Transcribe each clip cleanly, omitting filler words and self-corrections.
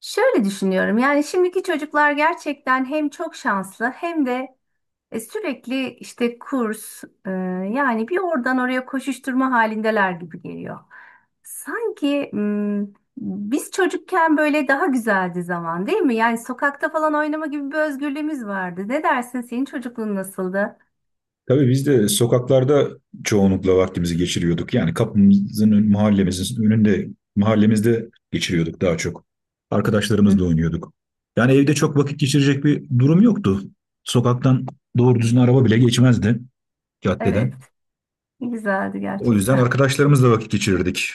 Şöyle düşünüyorum yani şimdiki çocuklar gerçekten hem çok şanslı hem de sürekli işte kurs yani bir oradan oraya koşuşturma halindeler gibi geliyor. Sanki m, Biz çocukken böyle daha güzeldi zaman değil mi? Yani sokakta falan oynama gibi bir özgürlüğümüz vardı. Ne dersin, senin çocukluğun nasıldı? Tabii biz de sokaklarda çoğunlukla vaktimizi geçiriyorduk. Yani kapımızın, mahallemizin önünde, mahallemizde geçiriyorduk daha çok. Hı, Arkadaşlarımızla oynuyorduk. Yani evde çok vakit geçirecek bir durum yoktu. Sokaktan doğru düzgün araba bile geçmezdi caddeden. evet, güzeldi O yüzden gerçekten. arkadaşlarımızla vakit geçirirdik.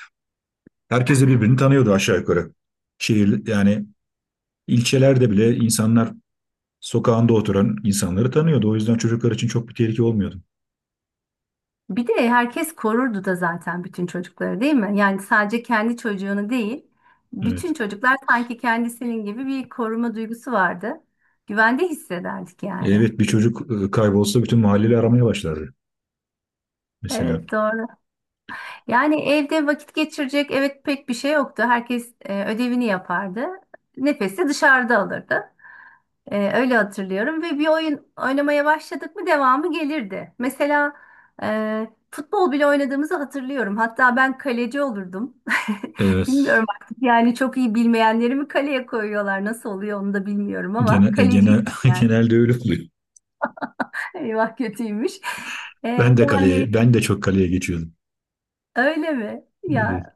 Herkes de birbirini tanıyordu aşağı yukarı. Yani ilçelerde bile insanlar sokağında oturan insanları tanıyordu. O yüzden çocuklar için çok bir tehlike olmuyordu. Bir de herkes korurdu da zaten bütün çocukları değil mi? Yani sadece kendi çocuğunu değil, Evet. bütün çocuklar sanki kendisinin gibi bir koruma duygusu vardı. Güvende hissederdik yani. Evet, bir çocuk kaybolsa bütün mahalleyle aramaya başlardı, mesela. Evet, doğru. Yani evde vakit geçirecek evet pek bir şey yoktu. Herkes ödevini yapardı. Nefesi dışarıda alırdı. Öyle hatırlıyorum ve bir oyun oynamaya başladık mı devamı gelirdi. Mesela futbol bile oynadığımızı hatırlıyorum. Hatta ben kaleci olurdum. Evet. Bilmiyorum artık yani çok iyi bilmeyenleri mi kaleye koyuyorlar, nasıl oluyor onu da bilmiyorum ama Genel, e, kaleciydim genel, yani. Genelde öyle oluyor. Eyvah, kötüymüş. Ee, Ben de yani kaleye, ben de çok kaleye geçiyordum. Öyle mi? Evet, Ya,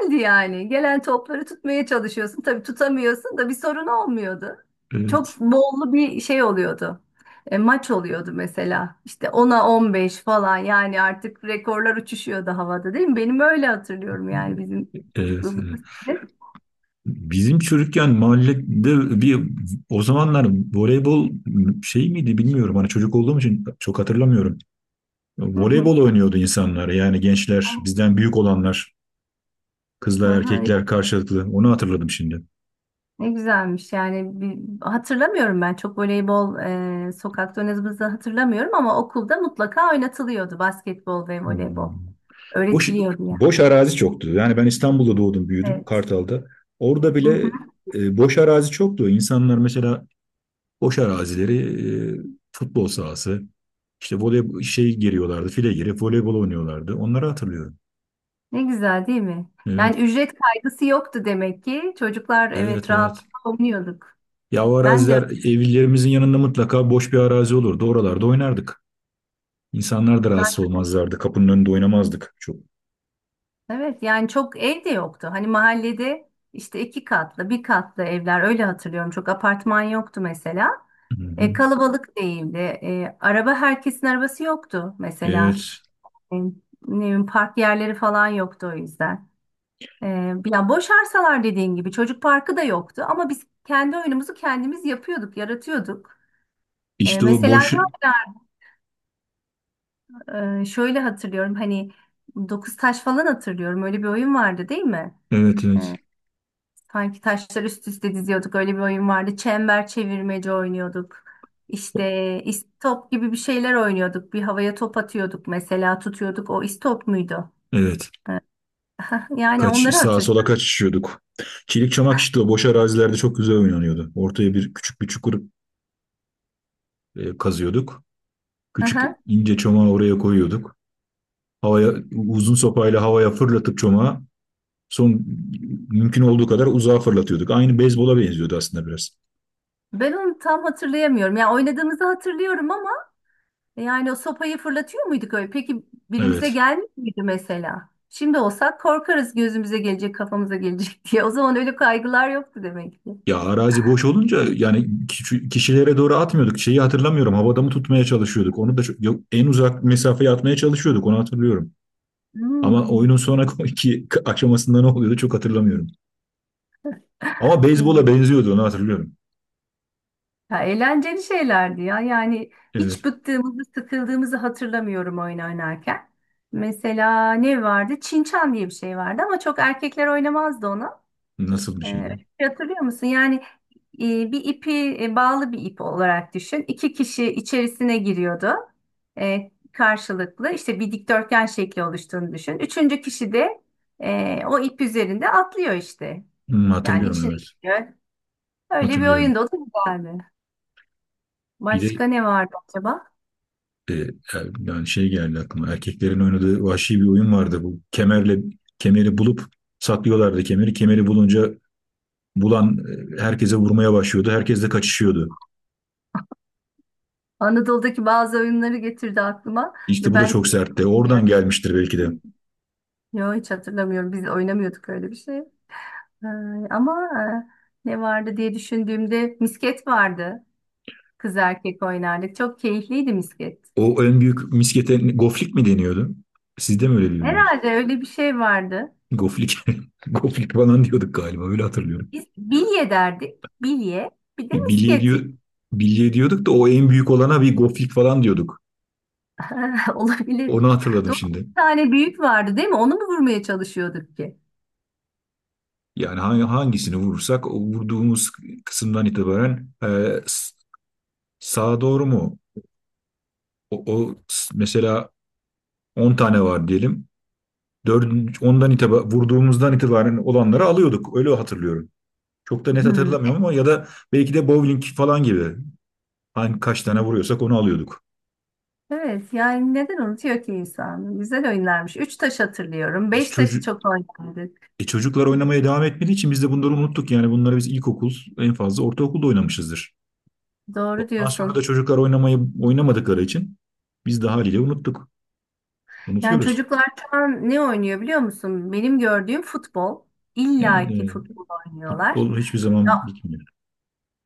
şimdi yani gelen topları tutmaya çalışıyorsun. Tabii tutamıyorsun da bir sorun olmuyordu. evet, Çok bollu bir şey oluyordu. E, maç oluyordu mesela. İşte ona 15 falan, yani artık rekorlar uçuşuyordu havada değil mi? Benim öyle hatırlıyorum yani bizim evet, çocukluğumuzda. evet. Bizim çocukken mahallede bir, o zamanlar, voleybol şey miydi bilmiyorum. Hani çocuk olduğum için çok hatırlamıyorum. Hı hı. Voleybol oynuyordu insanlar. Yani gençler, bizden büyük olanlar, kızlar, Aha, erkekler karşılıklı. Onu hatırladım şimdi. ne güzelmiş yani bir, hatırlamıyorum ben çok voleybol sokakta oynadığımızı hatırlamıyorum ama okulda mutlaka oynatılıyordu basketbol ve voleybol Hmm. Boş, öğretiliyordu ya. boş arazi çoktu. Yani ben İstanbul'da doğdum, büyüdüm Evet. Kartal'da. Orada Hı hı. bile boş arazi çoktu. İnsanlar mesela boş arazileri, e, futbol sahası, işte voley şey giriyorlardı, file girip voleybol oynuyorlardı. Onları hatırlıyorum. Ne güzel değil mi? Evet, Yani ücret kaygısı yoktu demek ki. Çocuklar evet, evet evet. rahatlıkla oynuyorduk. Ya o Ben de araziler evlerimizin yanında mutlaka boş bir arazi olurdu. Oralarda oynardık. İnsanlar da rahatsız zaten olmazlardı. Kapının önünde oynamazdık çok. evet yani çok ev de yoktu. Hani mahallede işte iki katlı, bir katlı evler öyle hatırlıyorum. Çok apartman yoktu mesela. Hı hı. E, kalabalık değildi. E, araba herkesin arabası yoktu mesela. Evet. Ne bileyim, park yerleri falan yoktu o yüzden. E, ya boş arsalar dediğin gibi çocuk parkı da yoktu ama biz kendi oyunumuzu kendimiz yapıyorduk, yaratıyorduk. E, İşte o mesela boş... Şöyle hatırlıyorum hani dokuz taş falan hatırlıyorum. Öyle bir oyun vardı değil mi? Evet, evet. Ee, Sanki taşlar üst üste diziyorduk. Öyle bir oyun vardı. Çember çevirmece oynuyorduk. İşte istop gibi bir şeyler oynuyorduk. Bir havaya top atıyorduk mesela, tutuyorduk. O istop muydu? Evet. Ee, Yani Kaç, onları sağa sola hatırlıyorum. kaçışıyorduk. Çelik çamak işte o boş arazilerde çok güzel oynanıyordu. Ortaya bir küçük bir çukur kazıyorduk. Küçük Aha. ince çomağı oraya koyuyorduk. Havaya uzun sopayla havaya fırlatıp çomağı son mümkün olduğu kadar uzağa fırlatıyorduk. Aynı beyzbola benziyordu aslında biraz. Ben onu tam hatırlayamıyorum. Ya oynadığımızı hatırlıyorum ama yani o sopayı fırlatıyor muyduk öyle? Peki birimize Evet. gelmiş miydi mesela? Şimdi olsak korkarız gözümüze gelecek, kafamıza gelecek diye. O zaman öyle kaygılar yoktu demek ki. Ya arazi boş olunca yani kişilere doğru atmıyorduk. Şeyi hatırlamıyorum. Havada mı tutmaya çalışıyorduk? Onu da yok, en uzak mesafeye atmaya çalışıyorduk. Onu hatırlıyorum. Ama oyunun Hmm, sonraki aşamasında ne oluyordu çok hatırlamıyorum. Ama beyzbola evet. benziyordu, onu hatırlıyorum. Ya eğlenceli şeylerdi ya. Yani Evet. hiç bıktığımızı, sıkıldığımızı hatırlamıyorum oyun oynarken. Mesela ne vardı? Çinçan diye bir şey vardı ama çok erkekler oynamazdı onu. Nasıl bir Öyle şeydi o? bir şey hatırlıyor musun? Yani bir ipi bağlı bir ip olarak düşün. İki kişi içerisine giriyordu. Karşılıklı işte bir dikdörtgen şekli oluştuğunu düşün. Üçüncü kişi de o ip üzerinde atlıyor işte. Hmm, Yani hatırlıyorum, içine evet. giriyor. Öyle bir Hatırlıyorum. oyunda o da güzeldi. Bir Başka de ne vardı acaba? e, yani şey geldi aklıma. Erkeklerin oynadığı vahşi bir oyun vardı bu. Kemerle kemeri bulup saklıyorlardı kemeri. Kemeri bulunca bulan herkese vurmaya başlıyordu. Herkes de kaçışıyordu. Anadolu'daki bazı oyunları getirdi aklıma. İşte Ya bu da ben çok sertti. Oradan bilmiyorum. gelmiştir belki de. Yok, hiç hatırlamıyorum. Biz oynamıyorduk öyle bir şey. Ee, ama Ne vardı diye düşündüğümde misket vardı. Kız erkek oynardık. Çok keyifliydi misket. O en büyük miskete goflik mi deniyordu? Siz de mi öyle diyordunuz? Herhalde öyle bir şey vardı. Goflik. Goflik falan diyorduk galiba. Öyle hatırlıyorum. Biz bilye derdik. Bilye. Bir de Bilye misket. diyor, bilye diyorduk da o en büyük olana bir goflik falan diyorduk. Olabilir. Onu hatırladım Doğru. şimdi. Bir tane büyük vardı değil mi? Onu mu vurmaya çalışıyorduk ki? Yani hangisini vurursak, o vurduğumuz kısımdan itibaren, s- sağa doğru mu? O, mesela 10 tane var diyelim. 4, ondan itibaren, vurduğumuzdan itibaren olanları alıyorduk. Öyle hatırlıyorum. Çok da net Hmm, hatırlamıyorum, ama ya da belki de bowling falan gibi. Hani kaç tane evet. vuruyorsak onu alıyorduk. Evet, yani neden unutuyor ki insan? Güzel oynarmış. Üç taş hatırlıyorum. E, Beş taşı çocuk, çok oynardık. çocuklar oynamaya devam etmediği için biz de bunları unuttuk. Yani bunları biz ilkokul, en fazla ortaokulda oynamışızdır. Doğru Ondan sonra da diyorsun. çocuklar oynamayı oynamadıkları için biz de haliyle unuttuk. Yani Unutuyoruz. çocuklar şu an ne oynuyor biliyor musun? Benim gördüğüm futbol. İlla Yani, ki futbol oynuyorlar. futbol hiçbir Ya, zaman bitmiyor.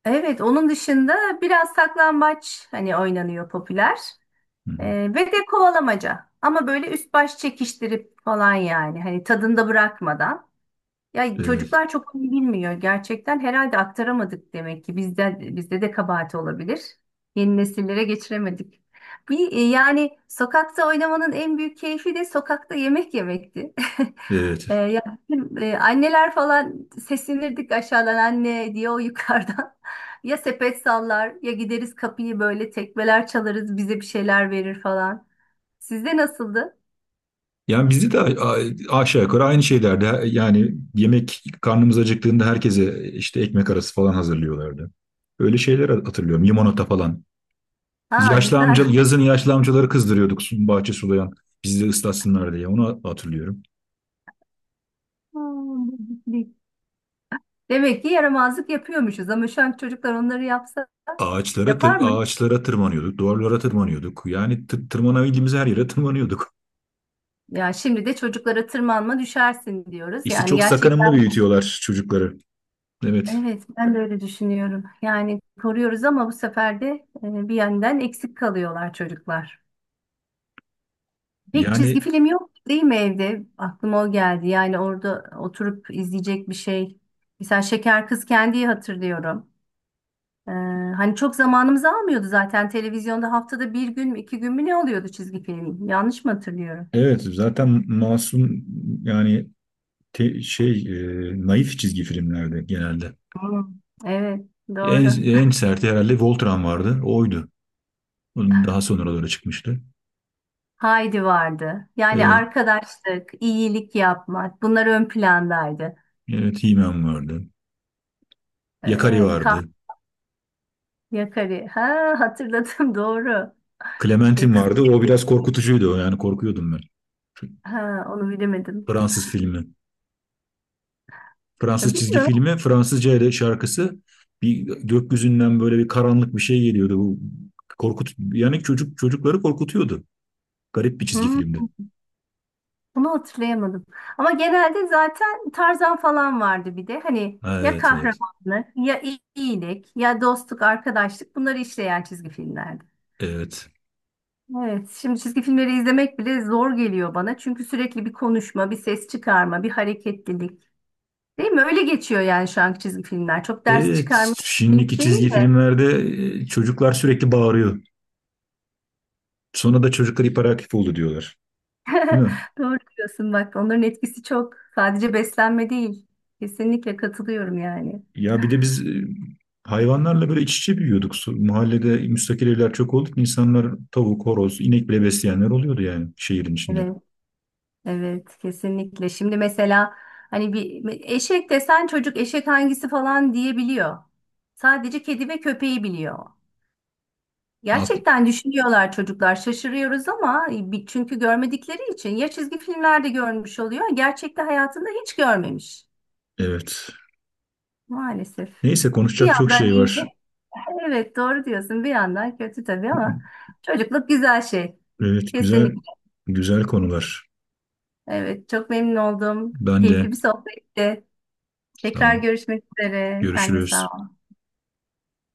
evet onun dışında biraz saklambaç hani oynanıyor, popüler. Hı Ee, hı. Ve de kovalamaca. Ama böyle üst baş çekiştirip falan yani. Hani tadında bırakmadan. Ya Evet, çocuklar çok iyi bilmiyor gerçekten. Herhalde aktaramadık demek ki. Bizde de kabahat olabilir. Yeni nesillere geçiremedik. Yani sokakta oynamanın en büyük keyfi de sokakta yemek yemekti. evet. E, ya Bizim, anneler falan seslenirdik aşağıdan anne diye o yukarıdan. Ya sepet sallar ya gideriz kapıyı böyle tekmeler çalarız, bize bir şeyler verir falan. Sizde nasıldı? Yani bizde de aşağı yukarı aynı şeylerde, yani yemek, karnımız acıktığında herkese işte ekmek arası falan hazırlıyorlardı. Öyle şeyler hatırlıyorum. Limonata falan. Biz Ha, yaşlı güzel. amca, yazın yaşlı amcaları kızdırıyorduk, bahçe sulayan. Bizi de ıslatsınlar diye, onu hatırlıyorum. Hmm, demek ki yaramazlık yapıyormuşuz ama şu an çocuklar onları yapsa Ağaçlara yapar mı? ağaçlara tırmanıyorduk, duvarlara tırmanıyorduk. Yani tırmanabildiğimiz her yere tırmanıyorduk. Ya şimdi de çocuklara tırmanma düşersin diyoruz. İşte Yani çok gerçekten sakınımlı büyütüyorlar çocukları. Evet. evet ben de öyle düşünüyorum. Yani koruyoruz ama bu sefer de bir yandan eksik kalıyorlar çocuklar. Pek çizgi Yani film yok değil mi evde? Aklıma o geldi. Yani orada oturup izleyecek bir şey. Mesela Şeker Kız Kendi'yi hatırlıyorum. Ee, Hani çok zamanımızı almıyordu zaten, televizyonda haftada bir gün mü iki gün mü ne oluyordu çizgi film? Yanlış mı hatırlıyorum? evet, zaten masum, yani şey, naif çizgi filmlerde genelde. Hmm, evet, En doğru. en serti herhalde Voltron vardı. Oydu. Onun daha sonralara çıkmıştı. Haydi vardı. Yani Evet, arkadaşlık, iyilik yapmak, bunlar ön plandaydı. evet, He-Man vardı. Yakari Evet, kah vardı. Yakarı. Ha, hatırladım, doğru. Ee, Clementine kız, vardı. O biraz korkutucuydu. Yani korkuyordum ben. ha, onu bilemedim. Fransız filmi. Ya, Fransız çizgi bilmiyorum. filmi. Fransızca ile şarkısı. Bir gökyüzünden böyle bir karanlık bir şey geliyordu. Bu korkut yani çocukları korkutuyordu. Garip bir çizgi Hmm, filmdi. bunu hatırlayamadım. Ama genelde zaten Tarzan falan vardı bir de. Hani ya Evet, evet. kahramanlık, ya iyilik, ya dostluk, arkadaşlık, bunları işleyen çizgi filmlerdi. Evet. Evet, şimdi çizgi filmleri izlemek bile zor geliyor bana. Çünkü sürekli bir konuşma, bir ses çıkarma, bir hareketlilik. Değil mi? Öyle geçiyor yani şu anki çizgi filmler. Çok ders Evet. çıkarma birlik Şimdiki değil çizgi de. filmlerde çocuklar sürekli bağırıyor. Sonra da çocuklar hiperaktif oldu diyorlar. Değil mi? Doğru diyorsun bak. Onların etkisi çok. Sadece beslenme değil. Kesinlikle katılıyorum yani. Ya bir de biz hayvanlarla böyle iç içe büyüyorduk. Mahallede müstakil evler çok olduk. İnsanlar tavuk, horoz, inek bile besleyenler oluyordu, yani şehrin içinde. Evet, evet kesinlikle. Şimdi mesela hani bir eşek desen çocuk eşek hangisi falan diyebiliyor. Sadece kedi ve köpeği biliyor. Ak- Gerçekten düşünüyorlar çocuklar. Şaşırıyoruz ama bir- çünkü görmedikleri için ya çizgi filmlerde görmüş oluyor, gerçekte hayatında hiç görmemiş. Evet. Maalesef. Neyse, Bir konuşacak çok yandan şey iyi. var. Evet, doğru diyorsun. Bir yandan kötü tabii ama çocukluk güzel şey. Evet, güzel Kesinlikle. güzel konular. Evet, çok memnun oldum. Ben Keyifli de bir sohbetti. sağ Tekrar ol. görüşmek üzere. Sen de sağ Görüşürüz. ol.